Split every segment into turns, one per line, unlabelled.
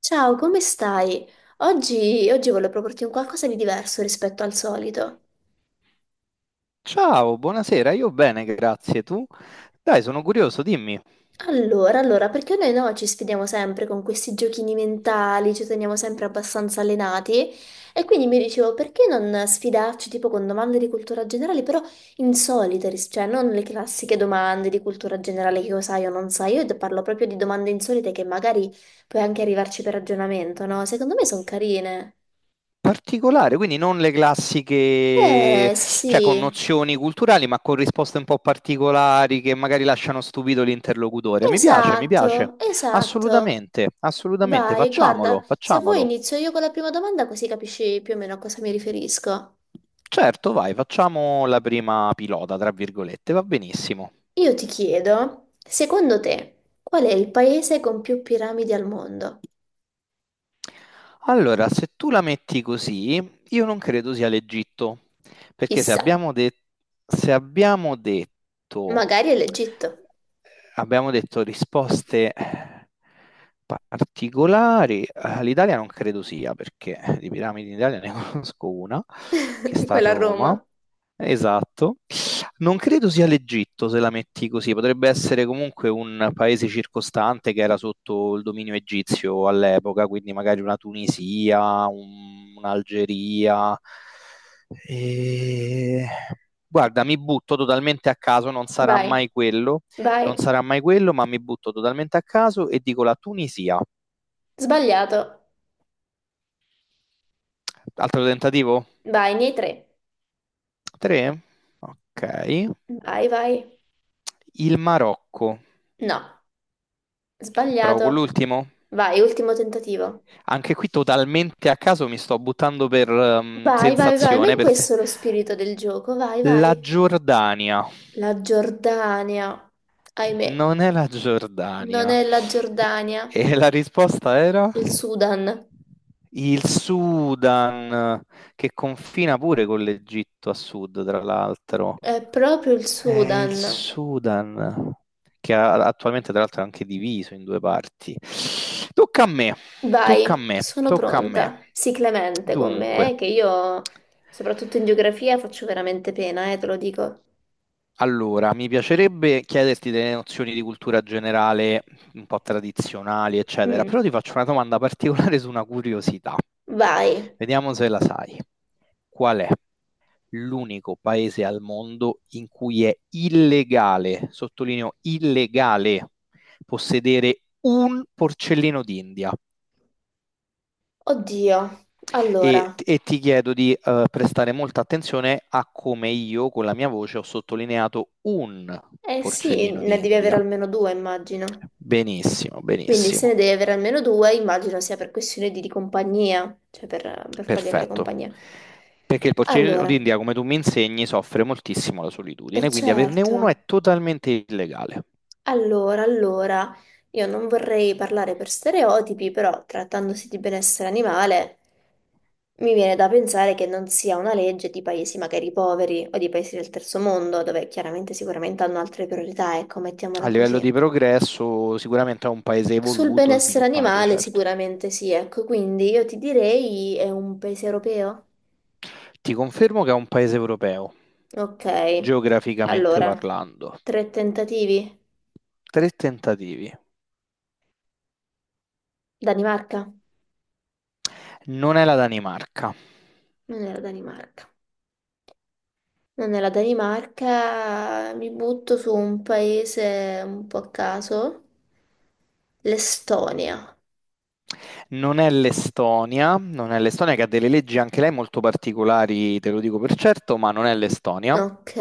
Ciao, come stai? Oggi, volevo proporti un qualcosa di diverso rispetto al solito.
Ciao, buonasera, io bene, grazie. Tu? Dai, sono curioso, dimmi.
Allora, perché noi no, ci sfidiamo sempre con questi giochini mentali, ci teniamo sempre abbastanza allenati e quindi mi dicevo perché non sfidarci tipo con domande di cultura generale, però insolite, cioè non le classiche domande di cultura generale che io sai o non sai, io te parlo proprio di domande insolite che magari puoi anche arrivarci per ragionamento, no? Secondo me sono carine.
Particolare, quindi non le classiche,
Sì,
cioè con
sì.
nozioni culturali, ma con risposte un po' particolari che magari lasciano stupito l'interlocutore. Mi piace, mi piace.
Esatto, esatto.
Assolutamente, assolutamente,
Vai, guarda,
facciamolo,
se vuoi
facciamolo.
inizio io con la prima domanda così capisci più o meno a cosa mi riferisco.
Certo, vai, facciamo la prima pilota, tra virgolette, va benissimo.
Io ti chiedo, secondo te, qual è il paese con più piramidi al mondo?
Allora, se tu la metti così, io non credo sia l'Egitto, perché
Chissà,
se abbiamo detto,
magari è l'Egitto,
abbiamo detto risposte particolari, l'Italia non credo sia, perché di piramidi in Italia ne conosco una, che sta a
quella a
Roma.
Roma.
Esatto. Non credo sia l'Egitto se la metti così, potrebbe essere comunque un paese circostante che era sotto il dominio egizio all'epoca, quindi magari una Tunisia, un'Algeria. E... Guarda, mi butto totalmente a caso, non sarà
Vai,
mai quello, non
vai.
sarà mai quello, ma mi butto totalmente a caso e dico la Tunisia.
Sbagliato.
Altro tentativo?
Vai, nei tre.
Tre? Ok.
Vai, vai.
Il Marocco.
No,
Provo con
sbagliato.
l'ultimo.
Vai, ultimo tentativo.
Anche qui totalmente a caso mi sto buttando per
Vai, vai, vai, ma
sensazione.
è
Per se-
questo lo spirito del gioco, vai,
La
vai.
Giordania.
La Giordania, ahimè,
Non è la
non
Giordania.
è la Giordania,
E la risposta era?
il Sudan.
Il Sudan, che confina pure con l'Egitto a sud, tra l'altro.
È proprio il
È il
Sudan.
Sudan, che attualmente tra l'altro è anche diviso in due parti. Tocca a me, tocca a
Vai,
me,
sono
tocca a me.
pronta. Sii clemente con me,
Dunque,
che io, soprattutto in geografia, faccio veramente pena, te lo dico.
allora, mi piacerebbe chiederti delle nozioni di cultura generale, un po' tradizionali, eccetera,
Mm.
però ti faccio una domanda particolare su una curiosità.
Vai.
Vediamo se la sai. Qual è l'unico paese al mondo in cui è illegale, sottolineo illegale, possedere un porcellino d'India?
Oddio.
E,
Allora,
e ti chiedo di prestare molta attenzione a come io con la mia voce ho sottolineato un
eh sì,
porcellino
ne devi
d'India.
avere almeno due, immagino.
Benissimo,
Quindi se
benissimo,
ne devi avere almeno due, immagino sia per questione di compagnia, cioè per fargli avere
perfetto.
compagnia.
Perché il porcellino
Allora.
d'India, come tu mi insegni, soffre moltissimo la
E
solitudine, quindi averne
certo,
uno è totalmente illegale.
allora, io non vorrei parlare per stereotipi, però trattandosi di benessere animale, mi viene da pensare che non sia una legge di paesi magari poveri o di paesi del terzo mondo, dove chiaramente sicuramente hanno altre priorità, ecco,
A
mettiamola
livello di
così.
progresso, sicuramente è un paese
Sul
evoluto,
benessere
sviluppato,
animale
certo.
sicuramente sì, ecco, quindi io ti direi è un paese europeo?
Ti confermo che è un paese europeo,
Ok,
geograficamente
allora,
parlando.
tre tentativi.
Tre tentativi.
Danimarca?
Non è la Danimarca,
Non era Danimarca. No, Nella Danimarca mi butto su un paese un po' a caso, l'Estonia.
non è l'Estonia, non è l'Estonia che ha delle leggi anche lei molto particolari, te lo dico per certo, ma non è l'Estonia.
Ok,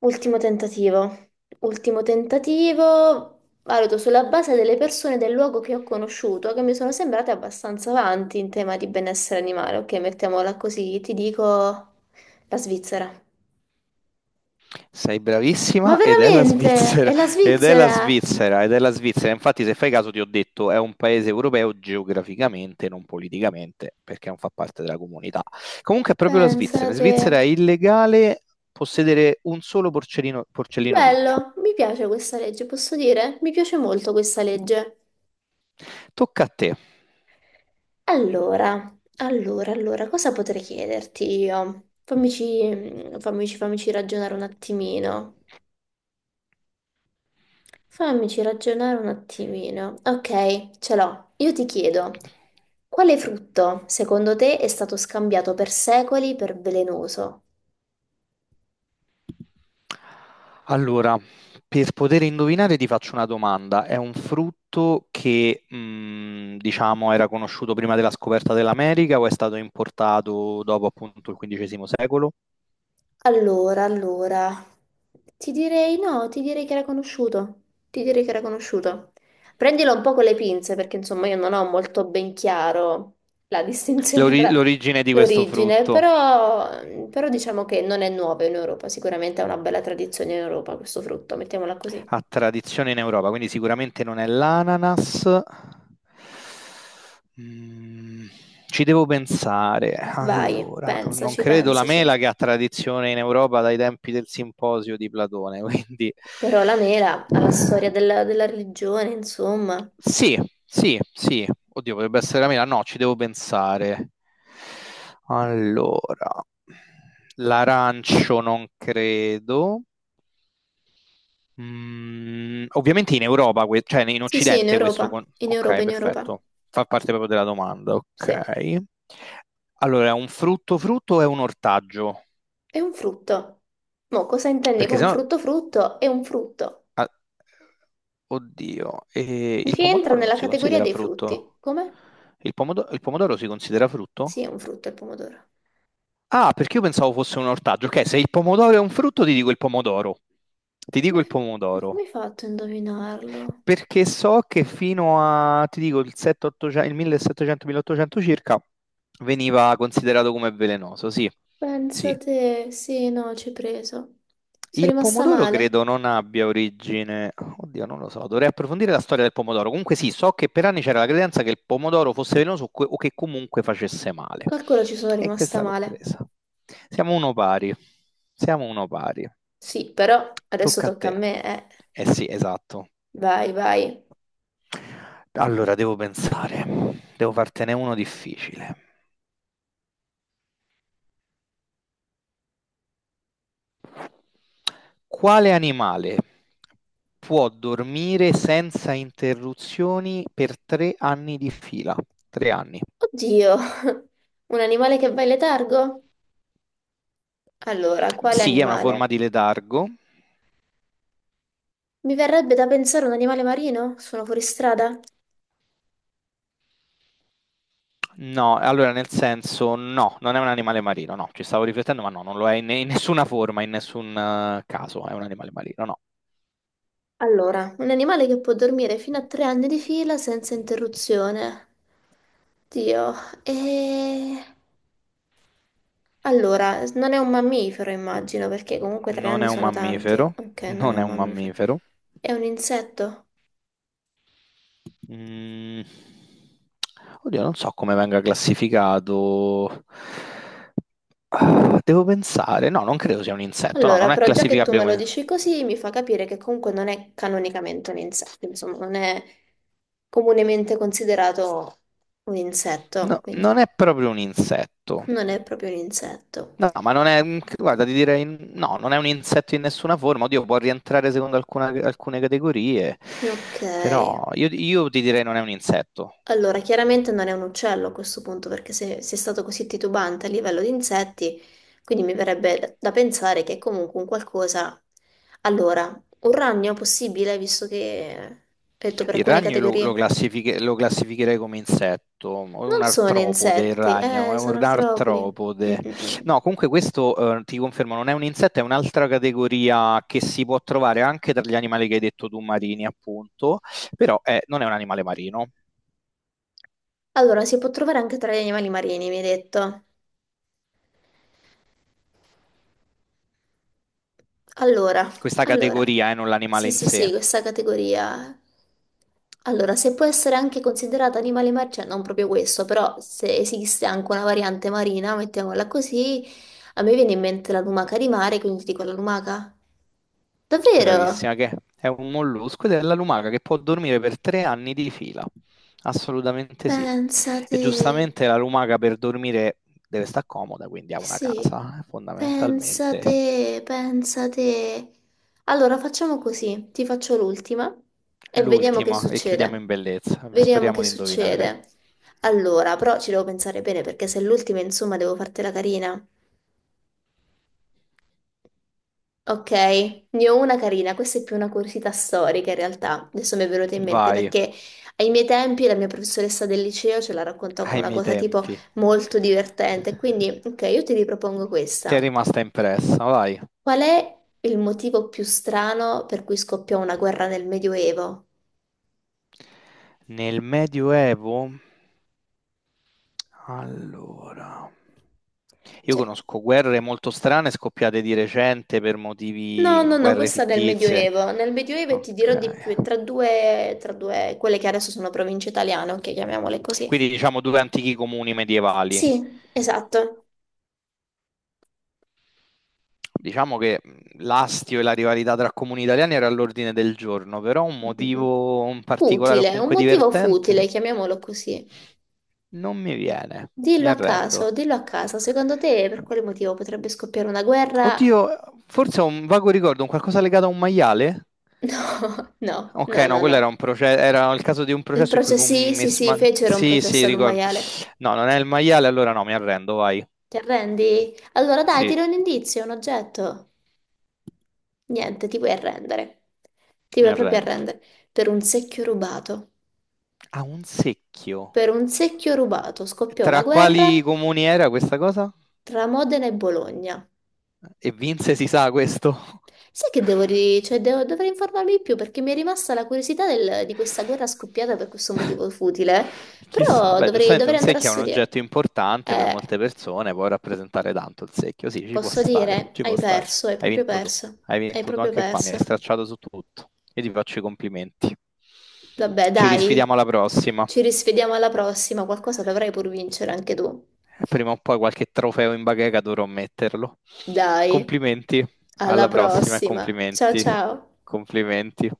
ultimo tentativo. Ultimo tentativo, valuto sulla base delle persone del luogo che ho conosciuto, che mi sono sembrate abbastanza avanti in tema di benessere animale. Ok, mettiamola così, ti dico la Svizzera.
Sei
Ma
bravissima ed è la
veramente? È
Svizzera,
la
ed è la
Svizzera?
Svizzera, ed è la Svizzera. Infatti, se fai caso, ti ho detto, è un paese europeo geograficamente, non politicamente, perché non fa parte della comunità. Comunque è proprio la Svizzera. In
Pensate.
Svizzera è illegale possedere un solo porcellino, porcellino d'India.
Bello, mi piace questa legge, posso dire? Mi piace molto questa legge.
Tocca a te.
Allora, cosa potrei chiederti io? Fammici ragionare un attimino. Fammici ragionare un attimino. Ok, ce l'ho. Io ti chiedo, quale frutto, secondo te, è stato scambiato per secoli per velenoso?
Allora, per poter indovinare ti faccio una domanda. È un frutto che, diciamo, era conosciuto prima della scoperta dell'America o è stato importato dopo appunto il XV secolo?
Allora, ti direi no, ti direi che era conosciuto. Prendilo un po' con le pinze perché insomma io non ho molto ben chiaro la distinzione
L'ori-
tra
l'origine di questo
l'origine,
frutto?
però, però diciamo che non è nuovo in Europa, sicuramente ha una bella tradizione in Europa questo frutto, mettiamola così.
Ha tradizione in Europa, quindi sicuramente non è l'ananas. Mm, ci devo pensare.
Vai,
Allora, non
pensaci,
credo la
pensaci.
mela che ha tradizione in Europa dai tempi del simposio di Platone, quindi
Però la mela ha la storia della religione, insomma.
sì, sì, sì. Oddio, potrebbe essere la mela. No, ci devo pensare. Allora, l'arancio non credo. Ovviamente in Europa, cioè in
Sì, sì, in
Occidente questo...
Europa,
con- Ok,
in Europa.
perfetto. Fa parte proprio della domanda,
Sì.
ok. Allora, è un frutto frutto o è un ortaggio?
È un frutto. Mo' cosa intendi
Perché
con
sennò,
frutto? Frutto è un frutto
ah, oddio, il
che entra
pomodoro non
nella
si
categoria
considera
dei frutti.
frutto.
Come?
Il pomodoro si considera
Sì, è un
frutto?
frutto il pomodoro.
Ah, perché io pensavo fosse un ortaggio. Ok, se il pomodoro è un frutto, ti dico il pomodoro. Ti dico
Come,
il
come
pomodoro.
hai fatto a indovinarlo?
Perché so che fino a, ti dico, il 700 il 1700-1800 circa veniva considerato come velenoso, sì.
Pensa
Sì.
te, sì, no, ci hai preso. Sono
Il
rimasta
pomodoro
male.
credo non abbia origine, oddio, non lo so, dovrei approfondire la storia del pomodoro. Comunque sì, so che per anni c'era la credenza che il pomodoro fosse velenoso o che comunque facesse male.
Calcolo ci sono
E
rimasta
questa l'ho
male.
presa. Siamo uno pari. Siamo uno pari.
Sì, però adesso
Tocca a
tocca a
te.
me, eh.
Eh sì, esatto.
Vai, vai.
Allora, devo pensare, devo fartene uno difficile. Quale animale può dormire senza interruzioni per 3 anni di fila? 3 anni.
Oddio, un animale che va in letargo? Allora, quale
Sì, è una forma
animale?
di letargo.
Mi verrebbe da pensare un animale marino? Sono fuori strada?
No, allora nel senso, no, non è un animale marino, no, ci stavo riflettendo, ma no, non lo è in nessuna forma, in nessun caso, è un animale marino, no.
Allora, un animale che può dormire fino a 3 anni di fila senza interruzione. Dio, e... Allora, non è un mammifero, immagino, perché comunque tre
Non è
anni
un
sono tanti.
mammifero,
Ok, non è
non è
un
un
mammifero.
mammifero.
È un insetto?
Mm. Oddio, non so come venga classificato. Ah, devo pensare. No, non credo sia un insetto. No,
Allora,
non è
però già che tu
classificabile
me lo
come.
dici così, mi fa capire che comunque non è canonicamente un insetto, insomma, non è comunemente considerato un insetto,
No,
quindi
non è proprio un insetto.
non è proprio un insetto.
No, ma non è. Guarda, ti direi. No, non è un insetto in nessuna forma. Oddio, può rientrare secondo alcune categorie.
Ok.
Però io ti direi non è un insetto.
Allora, chiaramente non è un uccello a questo punto, perché se è stato così titubante a livello di insetti, quindi mi verrebbe da pensare che è comunque un qualcosa. Allora, un ragno possibile, visto che ho detto per
Il
alcune
ragno io lo, lo
categorie.
classifiche- lo classificherei come insetto, o un
Non sono
artropode il
insetti,
ragno, è
sono
un
artropodi. Mm,
artropode.
mm, mm.
No, comunque questo ti confermo, non è un insetto, è un'altra categoria che si può trovare anche tra gli animali che hai detto tu, marini, appunto, però non è un animale marino.
Allora, si può trovare anche tra gli animali marini, mi hai detto. Allora,
Questa
allora,
categoria è non l'animale
sì,
in
sì,
sé.
sì, questa categoria. Allora, se può essere anche considerata animale marciano, non proprio questo, però se esiste anche una variante marina, mettiamola così, a me viene in mente la lumaca di mare, quindi ti dico la lumaca. Davvero?
Bravissima, che è un mollusco ed è la lumaca che può dormire per 3 anni di fila. Assolutamente sì. E
Pensate.
giustamente la lumaca per dormire deve stare comoda, quindi ha
Eh
una
sì,
casa, fondamentalmente.
pensate, pensate. Allora facciamo così, ti faccio l'ultima e vediamo che
L'ultima, e chiudiamo
succede.
in bellezza.
Vediamo
Speriamo
che
di indovinare.
succede. Allora, però ci devo pensare bene perché se è l'ultima, insomma, devo fartela carina. Ok, ne ho una carina, questa è più una curiosità storica in realtà, adesso mi è venuta in mente
Vai,
perché ai miei tempi la mia professoressa del liceo ce la raccontò come
ai
una
miei
cosa tipo
tempi.
molto divertente, quindi ok, io ti ripropongo
Ti è
questa.
rimasta impressa, vai.
Qual è il motivo più strano per cui scoppiò una guerra nel Medioevo?
Nel Medioevo? Allora. Io
Cioè,
conosco guerre molto strane scoppiate di recente per
no,
motivi,
no, no,
guerre
questa del
fittizie.
Medioevo. Nel Medioevo e ti dirò di più, è
Ok.
tra due, quelle che adesso sono province italiane, ok, chiamiamole così.
Quindi diciamo due antichi comuni medievali.
Sì, esatto.
Diciamo che l'astio e la rivalità tra comuni italiani era all'ordine del giorno, però un
Mm, mm, mm.
motivo in particolare o
Futile, un
comunque
motivo futile,
divertente
chiamiamolo così.
non mi viene, mi arrendo.
Dillo a caso, secondo te per quale motivo potrebbe scoppiare una guerra?
Oddio, forse ho un vago ricordo, un qualcosa legato a un maiale?
No, no,
Ok,
no,
no,
no,
quello
no.
era un processo, era il caso di un
Il
processo in cui
processo,
fu
sì, sì,
messo,
sì,
ma
fecero un
sì, sì,
processo ad un
ricordo.
maiale.
No, non è il maiale, allora no, mi arrendo, vai.
Ti arrendi? Allora dai,
Sì,
tira un indizio, un oggetto. Niente, ti vuoi arrendere. Ti
mi
vuoi proprio
arrendo.
arrendere. Per un secchio rubato.
Ha un secchio.
Per un secchio rubato scoppiò una
Tra
guerra
quali comuni era questa cosa?
tra Modena e Bologna.
E Vince si sa questo?
Sai che devo, dovrei informarmi di più perché mi è rimasta la curiosità di questa guerra scoppiata per questo motivo futile.
Chissà,
Però
beh, giustamente un
dovrei andare a
secchio è un
studiare.
oggetto importante per
Eh,
molte persone, può rappresentare tanto il secchio, sì, ci può
posso
stare,
dire,
ci può
hai
stare.
perso, hai
Hai
proprio
vinto tu,
perso.
hai
Hai
vinto tu
proprio
anche qua, mi hai
perso.
stracciato su tutto. Io ti faccio i complimenti.
Vabbè,
Ci
dai,
risfidiamo alla prossima.
ci risvediamo alla prossima, qualcosa dovrai pur vincere anche tu.
Prima o poi qualche trofeo in bacheca dovrò metterlo.
Dai,
Complimenti,
alla
alla prossima e
prossima. Ciao
complimenti,
ciao.
complimenti.